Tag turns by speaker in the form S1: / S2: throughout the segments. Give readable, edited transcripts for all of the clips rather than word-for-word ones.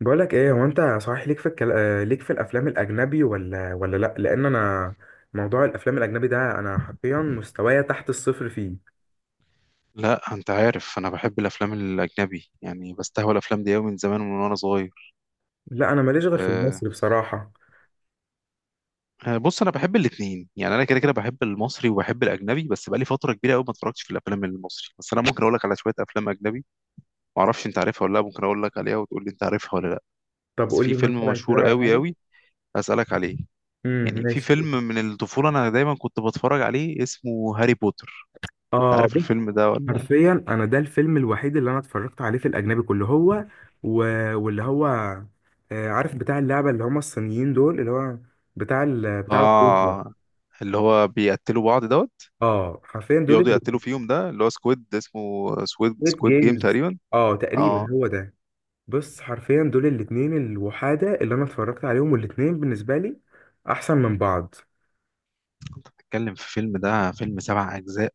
S1: بقولك ايه، هو انت صحيح ليك في الكل ليك في الافلام الاجنبي ولا لا، لان انا موضوع الافلام الاجنبي ده، انا حرفيا مستوايا تحت الصفر فيه.
S2: لا، انت عارف انا بحب الافلام الاجنبي. يعني بستهوى الافلام دي قوي من زمان وانا صغير.
S1: لا، انا ماليش غير في
S2: أه.
S1: المصري بصراحه.
S2: بص انا بحب الاثنين، يعني انا كده كده بحب المصري وبحب الاجنبي، بس بقالي فتره كبيره قوي ما اتفرجتش في الافلام المصري. بس انا ممكن اقول لك على شويه افلام اجنبي، ما اعرفش انت عارفها ولا لا. ممكن اقول لك عليها وتقول لي انت عارفها ولا لا.
S1: طب
S2: بس
S1: قول
S2: في
S1: لي
S2: فيلم
S1: مثلا كده
S2: مشهور
S1: على
S2: قوي
S1: حاجه.
S2: قوي اسالك عليه. يعني في
S1: ماشي.
S2: فيلم من الطفوله انا دايما كنت بتفرج عليه، اسمه هاري بوتر. انت
S1: اه،
S2: عارف
S1: بص،
S2: الفيلم ده ولا؟
S1: حرفيا انا ده الفيلم الوحيد اللي انا اتفرجت عليه في الاجنبي كله، هو و... واللي هو عارف بتاع اللعبه اللي هم الصينيين دول، اللي هو بتاع العروسه.
S2: اه، اللي هو بيقتلوا بعض ده،
S1: اه حرفيا دول،
S2: بيقعدوا يقتلوا فيهم، ده اللي هو سكويد، اسمه سكويد
S1: الستريت
S2: سكويد جيم
S1: جيمز.
S2: تقريبا.
S1: اه، تقريبا
S2: اه.
S1: هو ده. بص، حرفيا دول الاتنين الوحادة اللي انا اتفرجت عليهم، والاتنين بالنسبة لي احسن من بعض.
S2: تتكلم في فيلم، ده فيلم سبع اجزاء.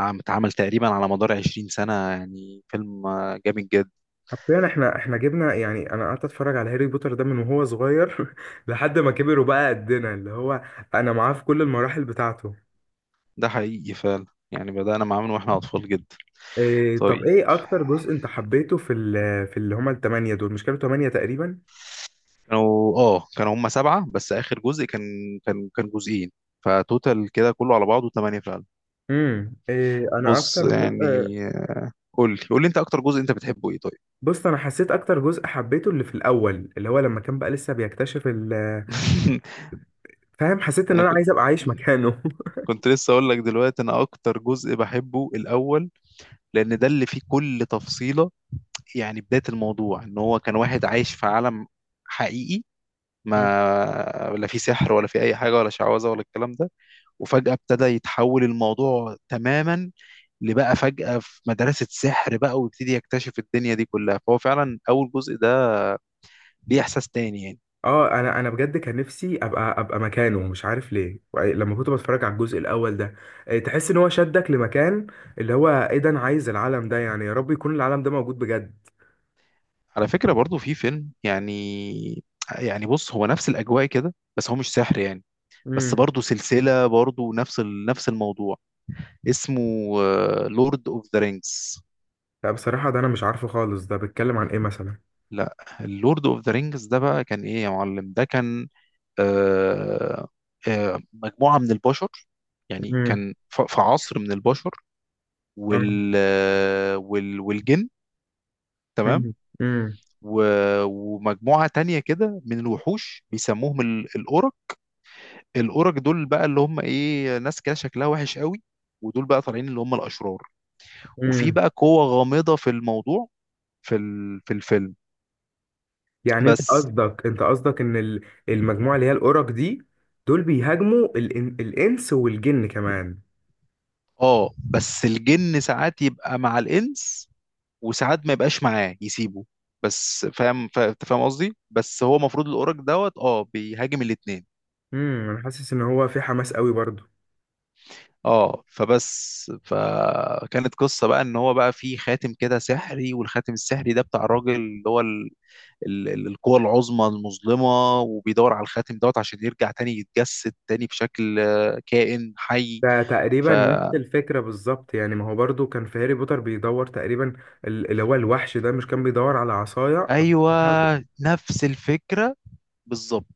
S2: اتعمل تقريبا على مدار 20 سنة. يعني فيلم جامد جدا.
S1: حرفيا احنا جبنا، يعني انا قعدت اتفرج على هاري بوتر ده من وهو صغير لحد ما كبر وبقى قدنا، اللي هو انا معاه في كل المراحل بتاعته.
S2: ده حقيقي فعلا، يعني بدأنا معاه من واحنا اطفال جدا.
S1: إيه، طب
S2: طيب.
S1: ايه اكتر جزء انت حبيته في اللي هما ال8 دول؟ مش كانوا 8 تقريبا؟
S2: كانوا هم سبعة، بس آخر جزء كان كان جزئين، فتوتال كده كله على بعضه ثمانية فعلا.
S1: إيه، انا
S2: بص
S1: اكتر جزء.
S2: يعني، قول لي انت اكتر جزء انت بتحبه ايه طيب؟
S1: بص، انا حسيت اكتر جزء حبيته اللي في الاول، اللي هو لما كان بقى لسه بيكتشف ال-، فاهم؟ حسيت ان
S2: انا
S1: انا
S2: كنت
S1: عايز ابقى عايش مكانه.
S2: كنت لسه اقول لك دلوقتي، انا اكتر جزء بحبه الاول، لان ده اللي فيه كل تفصيلة. يعني بداية الموضوع ان هو كان واحد عايش في عالم حقيقي، ما ولا فيه سحر ولا فيه اي حاجة ولا شعوذة ولا الكلام ده، وفجأة ابتدى يتحول الموضوع تماما لبقى فجأة في مدرسة سحر بقى، ويبتدي يكتشف الدنيا دي كلها. فهو فعلا اول جزء ده ليه احساس تاني يعني.
S1: اه، انا بجد كان نفسي ابقى مكانه، مش عارف ليه، لما كنت بتفرج على الجزء الاول ده تحس ان هو شدك لمكان، اللي هو ايه ده؟ انا عايز العالم ده، يعني يا رب يكون العالم ده موجود بجد.
S2: على فكرة، برضو في فيلم يعني، بص هو نفس الاجواء كده، بس هو مش سحر يعني. بس
S1: امم
S2: برضه سلسلة، برضه نفس الموضوع، اسمه لورد اوف ذا رينجز.
S1: لا، بصراحة ده انا مش عارفه خالص، ده بيتكلم عن ايه مثلا؟
S2: لا، اللورد اوف ذا رينجز ده بقى كان ايه يا معلم؟ ده كان آه مجموعة من البشر. يعني
S1: امم.
S2: كان في عصر من البشر
S1: آه.
S2: والجن. تمام.
S1: امم. امم.
S2: ومجموعة تانية كده من الوحوش بيسموهم الأورك. الأورك دول بقى اللي هم إيه ناس كده شكلها وحش قوي، ودول بقى طالعين اللي هم الأشرار. وفي
S1: امم.
S2: بقى قوة غامضة في الموضوع، في الفيلم.
S1: يعني انت
S2: بس
S1: قصدك، ان المجموعة اللي هي الأورك دي، دول بيهاجموا الانس والجن كمان؟
S2: اه بس الجن ساعات يبقى مع الانس، وساعات ما يبقاش معاه يسيبه. بس فاهم، انت فاهم قصدي. بس هو المفروض الاورك دوت بيهاجم الاتنين.
S1: انا حاسس ان هو في حماس قوي برضه.
S2: اه، فبس فكانت قصة بقى ان هو بقى في خاتم كده سحري، والخاتم السحري ده بتاع الراجل اللي هو القوة العظمى المظلمة، وبيدور على الخاتم دوت عشان يرجع تاني، يتجسد تاني بشكل كائن حي.
S1: ده
S2: ف
S1: تقريبا نفس الفكرة بالظبط، يعني ما هو برضو كان في هاري بوتر بيدور تقريبا، اللي هو الوحش ده مش كان بيدور على عصاية
S2: ايوه،
S1: بتاعته؟
S2: نفس الفكره بالظبط.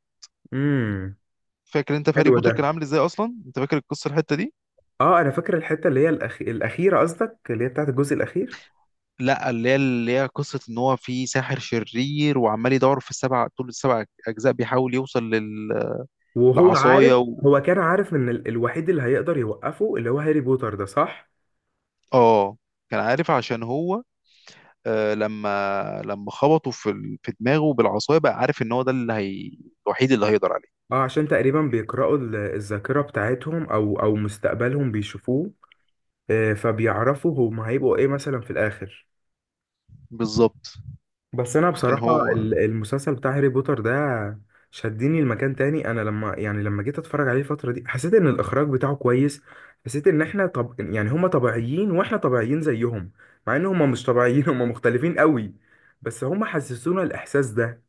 S1: امم
S2: فاكر انت في هاري
S1: حلو
S2: بوتر
S1: ده.
S2: كان عامل ازاي اصلا؟ انت فاكر القصه الحته دي؟
S1: اه، انا فاكر الحتة اللي هي الأخيرة، قصدك اللي هي بتاعت الجزء الأخير.
S2: لا، اللي هي قصه ان هو في ساحر شرير وعمال يدور في السبع، طول السبع اجزاء بيحاول يوصل
S1: وهو عارف،
S2: للعصايه
S1: هو كان عارف ان الوحيد اللي هيقدر يوقفه اللي هو هاري بوتر ده، صح؟
S2: اه، كان عارف، عشان هو لما خبطه في في دماغه بالعصايه، بقى عارف ان هو ده اللي هي الوحيد اللي هيقدر عليه.
S1: اه، عشان تقريبا بيقرأوا الذاكرة بتاعتهم، او مستقبلهم بيشوفوه، فبيعرفوا هم هيبقوا ايه مثلا في الآخر.
S2: بالظبط.
S1: بس انا
S2: كان
S1: بصراحه
S2: هو.
S1: المسلسل بتاع هاري بوتر ده شدني لمكان تاني. انا لما، يعني لما جيت اتفرج عليه الفتره دي، حسيت ان الاخراج بتاعه كويس. حسيت ان احنا، طب يعني هما طبيعيين واحنا طبيعيين زيهم، مع ان هما مش طبيعيين، هما مختلفين قوي، بس هما حسسونا الاحساس ده.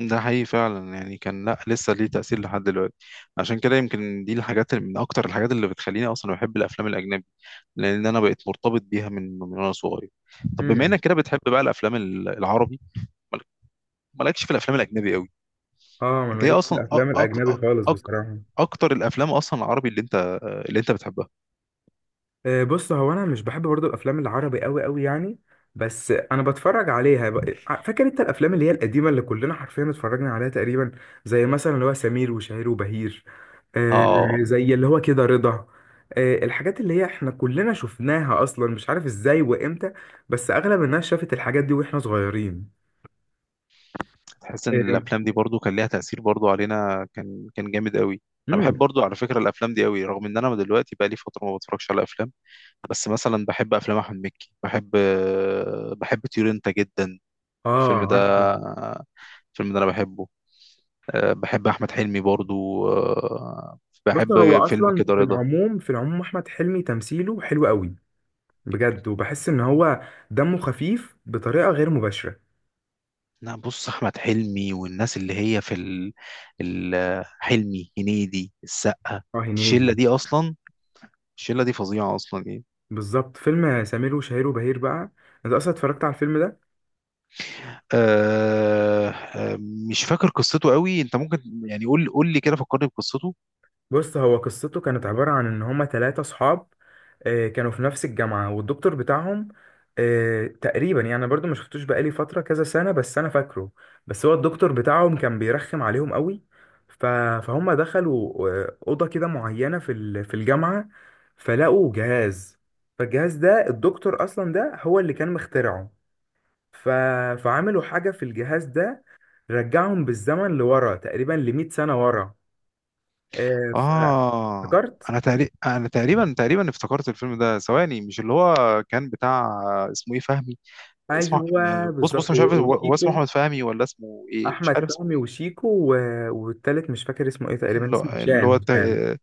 S2: ده حقيقي فعلا، يعني كان، لا لسه ليه تأثير لحد دلوقتي. عشان كده يمكن دي الحاجات، اللي من أكتر الحاجات اللي بتخليني أصلا بحب الأفلام الأجنبي، لأن أنا بقيت مرتبط بيها من وأنا صغير. طب بما
S1: امم.
S2: إنك كده بتحب بقى الأفلام العربي، مالك- مالكش في الأفلام الأجنبي قوي؟
S1: اه، ما
S2: أنت
S1: ماليش
S2: إيه
S1: في
S2: أصلا أك
S1: الافلام
S2: أك
S1: الاجنبي خالص
S2: أك
S1: بصراحه.
S2: أكتر الأفلام أصلا العربي اللي أنت بتحبها؟
S1: بص، هو انا مش بحب برضو الافلام العربي قوي قوي يعني، بس انا بتفرج عليها فاكر انت الافلام اللي هي القديمه اللي كلنا حرفيا اتفرجنا عليها تقريبا، زي مثلا اللي هو سمير وشهير وبهير، آه،
S2: آه
S1: زي اللي هو كده رضا، الحاجات اللي هي احنا كلنا شفناها اصلا، مش عارف ازاي وامتى، بس اغلب الناس شافت الحاجات دي واحنا صغيرين.
S2: تحس إن
S1: آه.
S2: الأفلام دي برضو كان ليها تأثير برضو علينا، كان جامد قوي. أنا بحب
S1: امم.
S2: برضو، على فكرة، الأفلام دي قوي، رغم إن أنا دلوقتي بقى لي فترة ما بتفرجش على أفلام. بس مثلا بحب افلام احمد مكي، بحب طيور انت جدا،
S1: اه،
S2: الفيلم ده.
S1: عارفه.
S2: انا بحبه. بحب احمد حلمي برضو.
S1: بص، هو
S2: بحب فيلم
S1: اصلا
S2: كده
S1: في
S2: رضا.
S1: العموم، في العموم احمد حلمي تمثيله حلو قوي، بجد، وبحس ان هو دمه خفيف بطريقه غير مباشره.
S2: لا بص، احمد حلمي والناس اللي هي في حلمي، هنيدي، السقا،
S1: اه،
S2: الشله
S1: هنيدي.
S2: دي اصلا. الشله دي فظيعه اصلا يعني.
S1: بالظبط، فيلم سمير وشهير وبهير بقى، انت اصلا اتفرجت على الفيلم ده؟
S2: أه... أه، مش فاكر قصته قوي. انت ممكن يعني قول لي كده، فكرني بقصته.
S1: بص، هو قصته كانت عباره عن ان هما 3 اصحاب، كانوا في نفس الجامعة، والدكتور بتاعهم تقريبا، يعني أنا برضو ما شفتوش بقالي فترة كذا سنة، بس أنا فاكره. بس هو الدكتور بتاعهم كان بيرخم عليهم قوي. ف- فهم دخلوا أوضة كده معينة في الجامعة، فلقوا جهاز، فالجهاز ده الدكتور أصلا ده هو اللي كان مخترعه. ف... فعملوا حاجة في الجهاز ده، رجعهم بالزمن لورا تقريبا ل100 سنة ورا، آه، ف-
S2: اه،
S1: افتكرت.
S2: انا تقريبا افتكرت الفيلم ده. ثواني، مش اللي هو كان بتاع، اسمه ايه، فهمي. اسمه،
S1: ايوه
S2: بص
S1: بالظبط،
S2: مش عارف هو اسمه
S1: وشيكو،
S2: احمد فهمي ولا اسمه ايه، مش
S1: احمد
S2: عارف اسمه
S1: فهمي
S2: ايه.
S1: وشيكو والتالت مش فاكر اسمه ايه، تقريبا
S2: اللي هو
S1: اسمه
S2: اللي
S1: هشام
S2: هو
S1: هشام.
S2: الت-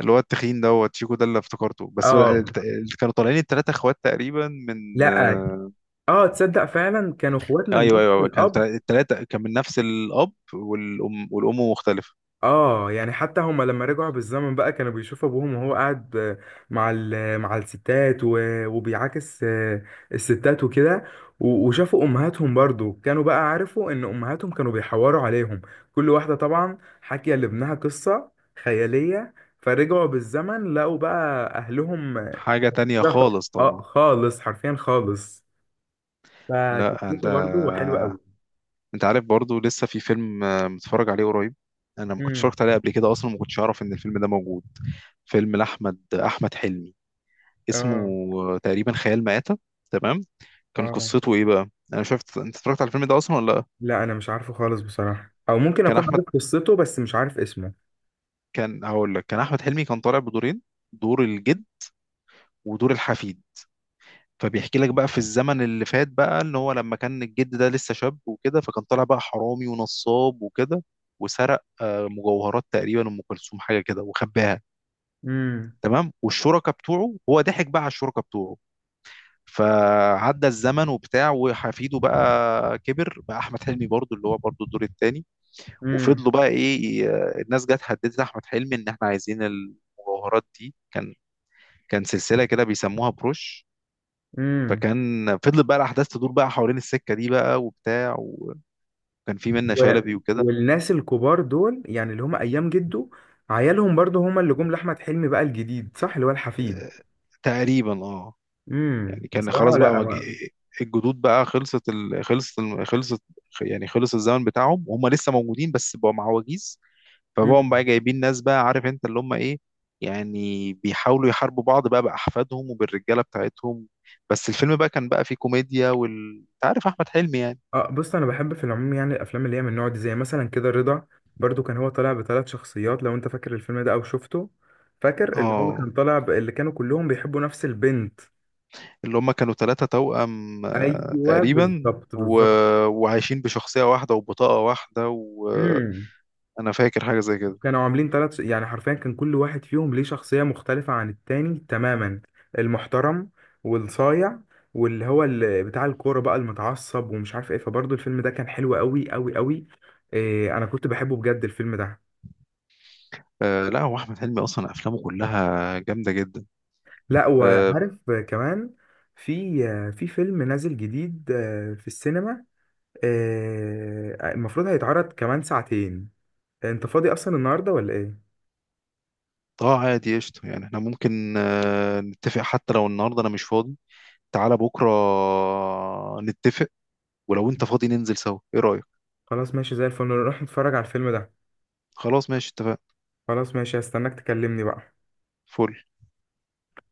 S2: اللي هو التخين دوت، شيكو، ده اللي افتكرته. بس هو
S1: اه،
S2: اللي كانوا طالعين التلاتة اخوات تقريبا من
S1: لا، اه، تصدق فعلا كانوا اخوات من
S2: ايوه،
S1: نفس
S2: ايوه، أيوة، كان
S1: الاب.
S2: التلاتة كان من نفس الاب والام، والام مختلفة.
S1: اه، يعني حتى هما لما رجعوا بالزمن بقى، كانوا بيشوفوا ابوهم وهو قاعد مع الستات وبيعاكس الستات وكده، وشافوا امهاتهم برضو، كانوا بقى عرفوا ان امهاتهم كانوا بيحوروا عليهم، كل واحدة طبعا حكي لابنها قصة خيالية، فرجعوا بالزمن لقوا بقى اهلهم
S2: حاجة تانية
S1: ده.
S2: خالص
S1: اه
S2: طبعا.
S1: خالص، حرفيا خالص.
S2: لا، انت
S1: فقصته برضو حلوة قوي.
S2: عارف برضو لسه في فيلم متفرج عليه قريب. انا ما كنتش
S1: امم.
S2: اتفرجت عليه قبل كده اصلا، ما كنتش اعرف ان الفيلم ده موجود. فيلم احمد حلمي، اسمه
S1: اه،
S2: تقريبا خيال مآتة. تمام. كان
S1: اه،
S2: قصته ايه بقى؟ انا شفت، انت اتفرجت على الفيلم ده اصلا ولا لا؟
S1: لا، انا مش عارفه خالص بصراحة، او ممكن
S2: كان
S1: اكون عارف
S2: احمد
S1: قصته بس مش عارف اسمه.
S2: كان هقول لك، كان احمد حلمي كان طالع بدورين: دور الجد ودور الحفيد. فبيحكي لك بقى في الزمن اللي فات بقى ان هو لما كان الجد ده لسه شاب وكده، فكان طالع بقى حرامي ونصاب وكده، وسرق مجوهرات تقريبا ام كلثوم، حاجه كده، وخباها.
S1: امم.
S2: تمام. والشركاء بتوعه، هو ضحك بقى على الشركاء بتوعه. فعدى الزمن وبتاع، وحفيده بقى كبر بقى، احمد حلمي برضو، اللي هو برضو الدور الثاني.
S1: امم.
S2: وفضلوا بقى ايه، الناس جت هددت احمد حلمي ان احنا عايزين المجوهرات دي، كان سلسله كده بيسموها بروش.
S1: امم
S2: فكان فضلت بقى الاحداث تدور بقى حوالين السكه دي بقى وبتاع، وكان في منة
S1: و...
S2: شلبي وكده.
S1: والناس الكبار دول، يعني اللي هم ايام جده، عيالهم برضو هم اللي جم لاحمد حلمي بقى الجديد، صح؟ اللي هو الحفيد.
S2: آه، تقريبا. اه.
S1: امم،
S2: يعني كان خلاص
S1: بصراحة
S2: بقى
S1: لا، ما...
S2: الجدود بقى خلصت، خلصت. يعني خلص الزمن بتاعهم، وهم لسه موجودين بس بقوا مع وجيز. فبقوا
S1: مم.
S2: بقى جايبين ناس بقى، عارف انت اللي هم ايه. يعني بيحاولوا يحاربوا بعض بقى بأحفادهم وبالرجالة بتاعتهم. بس الفيلم بقى كان بقى فيه كوميديا، انت عارف أحمد حلمي يعني.
S1: اه، بص، انا بحب في العموم يعني الافلام اللي هي من النوع دي، زي مثلا كده رضا، برضو كان هو طالع بثلاث شخصيات لو انت فاكر الفيلم ده او شفته. فاكر اللي هو
S2: اه،
S1: كان طالع اللي كانوا كلهم بيحبوا نفس البنت.
S2: اللي هم كانوا ثلاثة توأم
S1: ايوه،
S2: تقريبا
S1: بالظبط
S2: و...
S1: بالظبط.
S2: وعايشين بشخصية واحدة وبطاقة واحدة، وأنا
S1: امم
S2: فاكر حاجة زي كده.
S1: كانوا عاملين ثلاث، يعني حرفيا كان كل واحد فيهم ليه شخصية مختلفة عن التاني تماما: المحترم، والصايع، واللي هو اللي بتاع الكورة بقى المتعصب، ومش عارف ايه. فبرضو الفيلم ده كان حلو قوي قوي قوي. إيه، انا كنت بحبه بجد الفيلم ده.
S2: آه لا، هو احمد حلمي اصلا افلامه كلها جامده جدا.
S1: لا،
S2: اه.
S1: وعارف كمان، في فيلم نازل جديد في السينما، المفروض هيتعرض كمان ساعتين. انت فاضي اصلا النهارده ولا ايه؟
S2: عادي قشطه، يعني احنا ممكن نتفق. حتى لو النهارده انا مش فاضي، تعالى بكره نتفق. ولو انت فاضي ننزل سوا، ايه رايك؟
S1: خلاص ماشي، زي الفل نروح نتفرج على الفيلم ده.
S2: خلاص ماشي، اتفقنا.
S1: خلاص ماشي، هستناك تكلمني بقى.
S2: فل